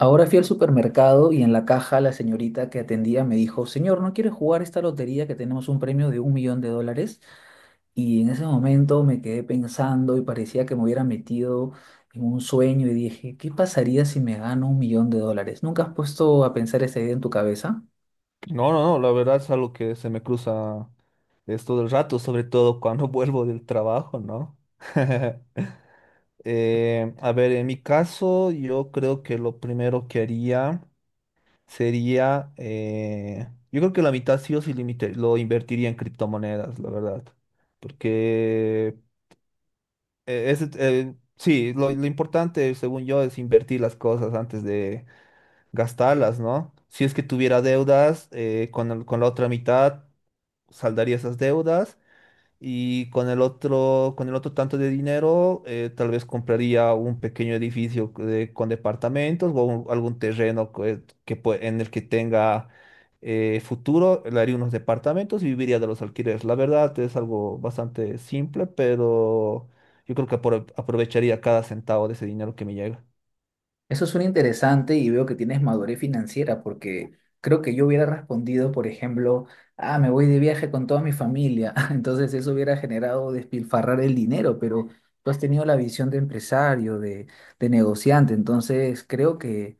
Ahora fui al supermercado y en la caja la señorita que atendía me dijo, señor, ¿no quiere jugar esta lotería que tenemos un premio de un millón de dólares? Y en ese momento me quedé pensando y parecía que me hubiera metido en un sueño y dije, ¿qué pasaría si me gano un millón de dólares? ¿Nunca has puesto a pensar esa idea en tu cabeza? No, no, no, la verdad es algo que se me cruza esto del rato, sobre todo cuando vuelvo del trabajo, ¿no? A ver, en mi caso, yo creo que lo primero que haría sería, yo creo que la mitad sí o sí limite, lo invertiría en criptomonedas, la verdad, porque sí, lo importante, según yo, es invertir las cosas antes de gastarlas, ¿no? Si es que tuviera deudas, con la otra mitad saldaría esas deudas, y con el otro, tanto de dinero, tal vez compraría un pequeño edificio con departamentos, o algún terreno en el que tenga futuro, le haría unos departamentos y viviría de los alquileres. La verdad es algo bastante simple, pero yo creo que aprovecharía cada centavo de ese dinero que me llega. Eso suena interesante y veo que tienes madurez financiera porque creo que yo hubiera respondido, por ejemplo, ah, me voy de viaje con toda mi familia. Entonces eso hubiera generado despilfarrar el dinero, pero tú has tenido la visión de empresario, de negociante. Entonces creo que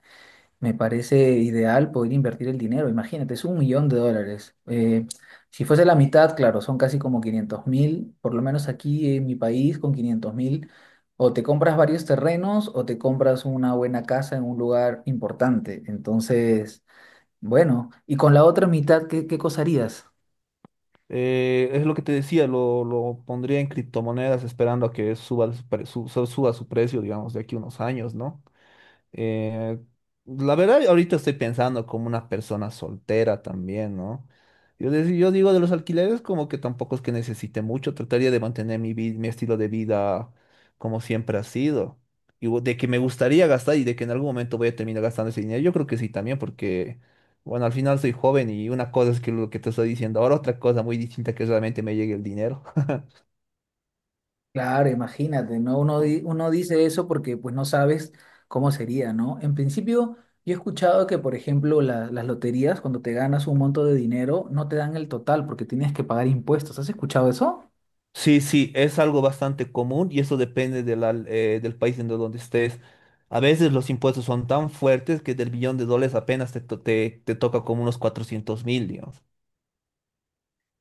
me parece ideal poder invertir el dinero. Imagínate, es un millón de dólares. Si fuese la mitad, claro, son casi como 500 mil, por lo menos aquí en mi país, con 500 mil, o te compras varios terrenos o te compras una buena casa en un lugar importante. Entonces, bueno, y con la otra mitad, ¿qué cosa harías? Es lo que te decía, lo pondría en criptomonedas esperando a que suba su precio, digamos, de aquí a unos años, ¿no? Eh, la verdad, ahorita estoy pensando como una persona soltera también, ¿no? Yo digo, de los alquileres como que tampoco es que necesite mucho, trataría de mantener mi, mi estilo de vida como siempre ha sido. De que me gustaría gastar y de que en algún momento voy a terminar gastando ese dinero, yo creo que sí también, porque, bueno, al final soy joven, y una cosa es que lo que te estoy diciendo ahora, otra cosa muy distinta que realmente me llegue el dinero. Claro, imagínate, ¿no? Uno, uno dice eso porque pues no sabes cómo sería, ¿no? En principio, yo he escuchado que, por ejemplo, las loterías, cuando te ganas un monto de dinero, no te dan el total porque tienes que pagar impuestos. ¿Has escuchado eso? Sí, sí, es algo bastante común y eso depende de del país en donde estés. A veces los impuestos son tan fuertes que del billón de dólares apenas te toca como unos 400.000, digamos.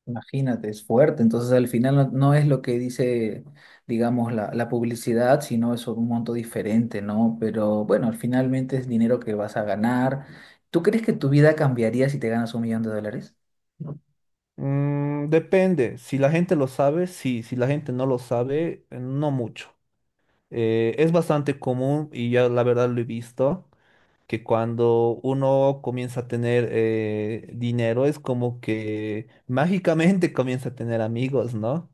Imagínate, es fuerte. Entonces, al final no, no es lo que dice, digamos, la publicidad, sino es un monto diferente, ¿no? Pero bueno, finalmente es dinero que vas a ganar. ¿Tú crees que tu vida cambiaría si te ganas un millón de dólares? Depende, si la gente lo sabe, sí; si la gente no lo sabe, no mucho. Es bastante común, y ya la verdad lo he visto, que cuando uno comienza a tener dinero es como que mágicamente comienza a tener amigos, ¿no?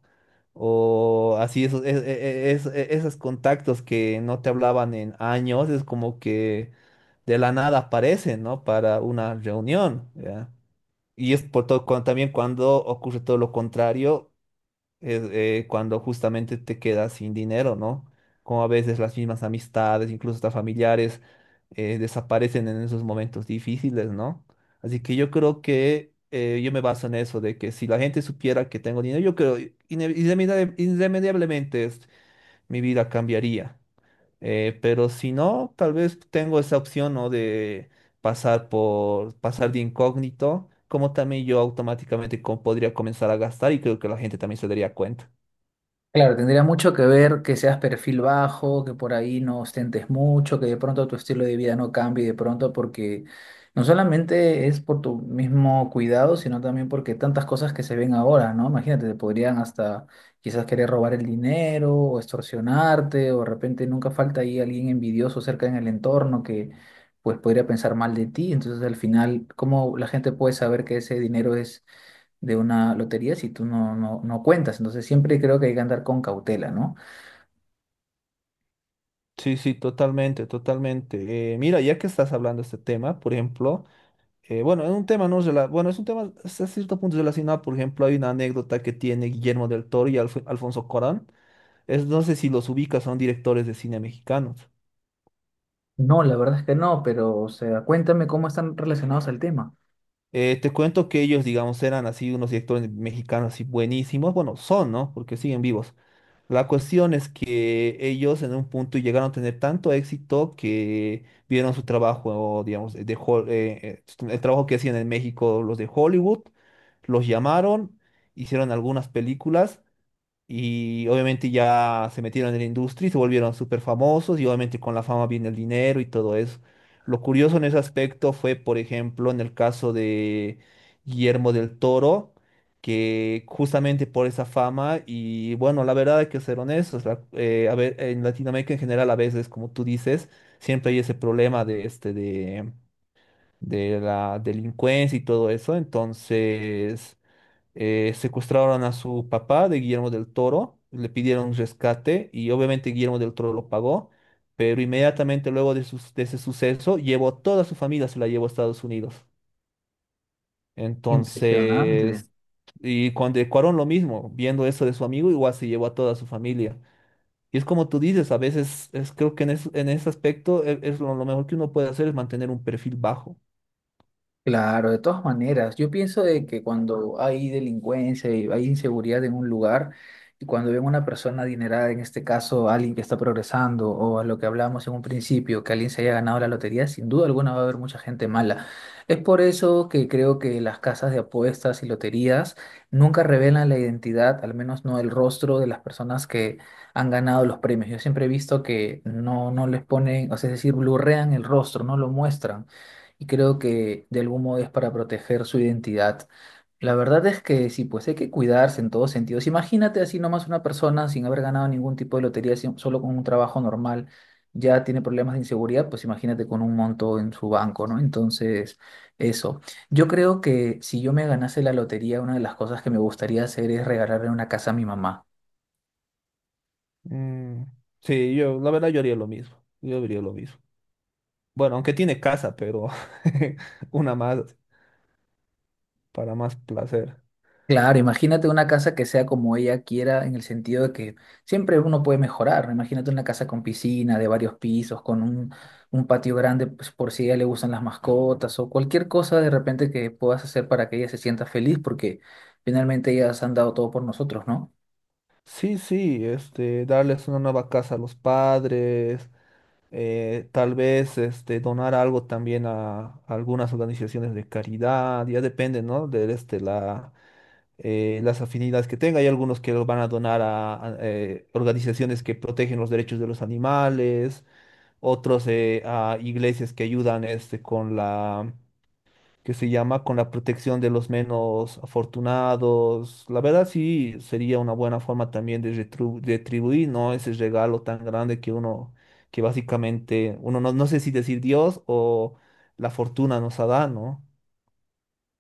O así, esos, es- e, esos contactos que no te hablaban en años, es como que de la nada aparecen, ¿no? Para una reunión, ¿ya? Y es por todo, también cuando ocurre todo lo contrario, cuando justamente te quedas sin dinero, ¿no? Como a veces las mismas amistades, incluso hasta familiares, desaparecen en esos momentos difíciles, ¿no? Así que yo creo que, yo me baso en eso, de que si la gente supiera que tengo dinero, yo creo irremediablemente mi vida cambiaría. Pero si no, tal vez tengo esa opción, ¿no? De pasar de incógnito, como también yo automáticamente podría comenzar a gastar, y creo que la gente también se daría cuenta. Claro, tendría mucho que ver que seas perfil bajo, que por ahí no ostentes mucho, que de pronto tu estilo de vida no cambie de pronto porque no solamente es por tu mismo cuidado, sino también porque tantas cosas que se ven ahora, ¿no? Imagínate, te podrían hasta quizás querer robar el dinero o extorsionarte o de repente nunca falta ahí alguien envidioso cerca en el entorno que pues podría pensar mal de ti. Entonces al final, ¿cómo la gente puede saber que ese dinero es de una lotería si tú no cuentas? Entonces siempre creo que hay que andar con cautela, ¿no? Sí, sí, totalmente, totalmente. Mira, ya que estás hablando de este tema, por ejemplo, bueno, es un tema no rela- bueno, es un tema hasta cierto punto relacionado. Por ejemplo, hay una anécdota que tiene Guillermo del Toro y Alfonso Corán. No sé si los ubicas, son directores de cine mexicanos. No, la verdad es que no, pero o sea, cuéntame cómo están relacionados al tema. Te cuento que ellos, digamos, eran así unos directores mexicanos así buenísimos. Bueno, son, ¿no? Porque siguen vivos. La cuestión es que ellos en un punto llegaron a tener tanto éxito que vieron su trabajo, digamos, el trabajo que hacían en México los de Hollywood, los llamaron, hicieron algunas películas, y obviamente ya se metieron en la industria y se volvieron súper famosos, y obviamente con la fama viene el dinero y todo eso. Lo curioso en ese aspecto fue, por ejemplo, en el caso de Guillermo del Toro, que justamente por esa fama, y bueno, la verdad hay que ser honestos, a ver, en Latinoamérica en general a veces, como tú dices, siempre hay ese problema de la delincuencia y todo eso. Entonces secuestraron a su papá de Guillermo del Toro, le pidieron un rescate, y obviamente Guillermo del Toro lo pagó, pero inmediatamente luego de ese suceso llevó a toda su familia, se la llevó a Estados Unidos. Impresionante. Entonces, y cuando Cuarón lo mismo, viendo eso de su amigo, igual se llevó a toda su familia. Y es como tú dices, a veces es, creo que en, en ese aspecto lo mejor que uno puede hacer es mantener un perfil bajo. Claro, de todas maneras, yo pienso de que cuando hay delincuencia y hay inseguridad en un lugar, y cuando ven una persona adinerada, en este caso alguien que está progresando, o a lo que hablábamos en un principio, que alguien se haya ganado la lotería, sin duda alguna va a haber mucha gente mala. Es por eso que creo que las casas de apuestas y loterías nunca revelan la identidad, al menos no el rostro de las personas que han ganado los premios. Yo siempre he visto que no les ponen, o sea, es decir, blurrean el rostro, no lo muestran y creo que de algún modo es para proteger su identidad. La verdad es que sí, pues hay que cuidarse en todos sentidos. Imagínate así nomás una persona sin haber ganado ningún tipo de lotería, solo con un trabajo normal, ya tiene problemas de inseguridad, pues imagínate con un monto en su banco, ¿no? Entonces, eso. Yo creo que si yo me ganase la lotería, una de las cosas que me gustaría hacer es regalarle una casa a mi mamá. Mm, sí, yo la verdad yo haría lo mismo. Yo haría lo mismo. Bueno, aunque tiene casa, pero una más, para más placer. Claro, imagínate una casa que sea como ella quiera, en el sentido de que siempre uno puede mejorar, ¿no? Imagínate una casa con piscina, de varios pisos, un patio grande, pues, por si a ella le gustan las mascotas o cualquier cosa de repente que puedas hacer para que ella se sienta feliz, porque finalmente ellas han dado todo por nosotros, ¿no? Sí, sí, darles una nueva casa a los padres, tal vez, donar algo también a, algunas organizaciones de caridad, ya depende, ¿no? De las afinidades que tenga. Hay algunos que lo van a donar a, organizaciones que protegen los derechos de los animales; otros, a iglesias que ayudan, con la, que se llama, con la protección de los menos afortunados. La verdad sí sería una buena forma también de retribuir, ¿no? Ese regalo tan grande que que básicamente uno, no, no sé si decir Dios o la fortuna, nos ha dado, ¿no?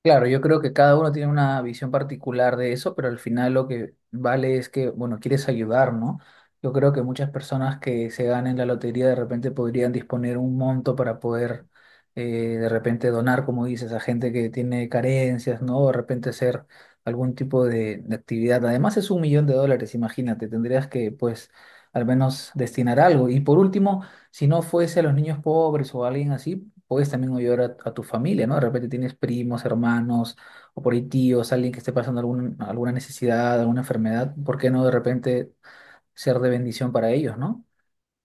Claro, yo creo que cada uno tiene una visión particular de eso, pero al final lo que vale es que, bueno, quieres ayudar, ¿no? Yo creo que muchas personas que se ganen la lotería de repente podrían disponer un monto para poder eh, de repente donar, como dices, a gente que tiene carencias, ¿no? O de repente hacer algún tipo de actividad. Además es un millón de dólares, imagínate, tendrías que, pues, al menos destinar algo. Y por último, si no fuese a los niños pobres o a alguien así, puedes también ayudar a tu familia, ¿no? De repente tienes primos, hermanos, o por ahí tíos, alguien que esté pasando alguna necesidad, alguna enfermedad, ¿por qué no de repente ser de bendición para ellos, ¿no?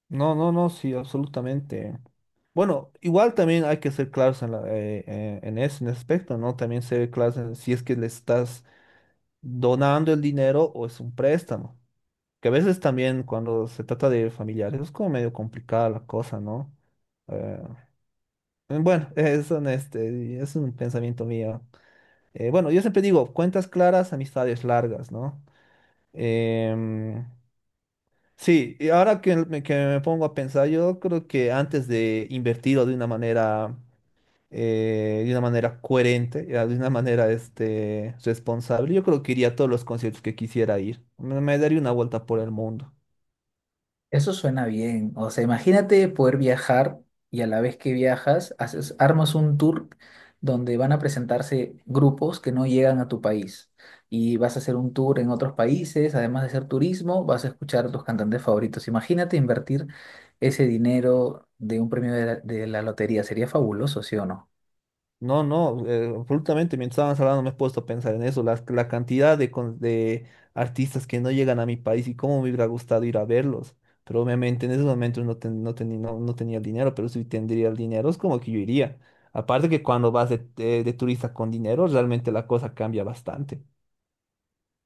No, no, no, sí, absolutamente. Bueno, igual también hay que ser claros en ese aspecto, ¿no? También ser claros en si es que le estás donando el dinero o es un préstamo. Que a veces también cuando se trata de familiares es como medio complicada la cosa, ¿no? Eh, bueno, es un pensamiento mío. Bueno, yo siempre digo, cuentas claras, amistades largas, ¿no? Em, sí, y ahora que me pongo a pensar, yo creo que antes de invertirlo de una manera, coherente, ya, de una manera, responsable, yo creo que iría a todos los conciertos que quisiera ir. Me daría una vuelta por el mundo. Eso suena bien. O sea, imagínate poder viajar y a la vez que viajas, haces, armas un tour donde van a presentarse grupos que no llegan a tu país. Y vas a hacer un tour en otros países, además de hacer turismo, vas a escuchar a tus cantantes favoritos. Imagínate invertir ese dinero de un premio de la lotería. Sería fabuloso, ¿sí o no? No, no, absolutamente. Mientras estabas hablando me he puesto a pensar en eso, la cantidad de artistas que no llegan a mi país, y cómo me hubiera gustado ir a verlos. Pero obviamente en esos momentos no tenía el dinero, pero si tendría el dinero es como que yo iría. Aparte que cuando vas de turista con dinero, realmente la cosa cambia bastante.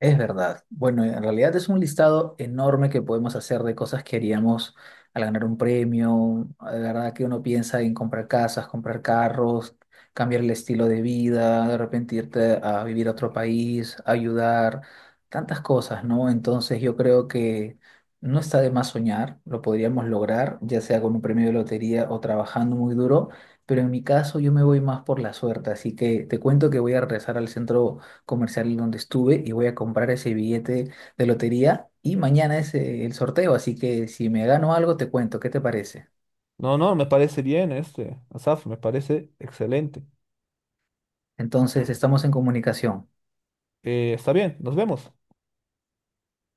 Es verdad. Bueno, en realidad es un listado enorme que podemos hacer de cosas que haríamos al ganar un premio. De verdad que uno piensa en comprar casas, comprar carros, cambiar el estilo de vida, de repente irte a vivir a otro país, ayudar, tantas cosas, ¿no? Entonces yo creo que no está de más soñar, lo podríamos lograr, ya sea con un premio de lotería o trabajando muy duro, pero en mi caso yo me voy más por la suerte, así que te cuento que voy a regresar al centro comercial donde estuve y voy a comprar ese billete de lotería y mañana es el sorteo, así que si me gano algo te cuento, ¿qué te parece? No, no, me parece bien, Asaf, me parece excelente. Entonces estamos en comunicación. Está bien, nos vemos.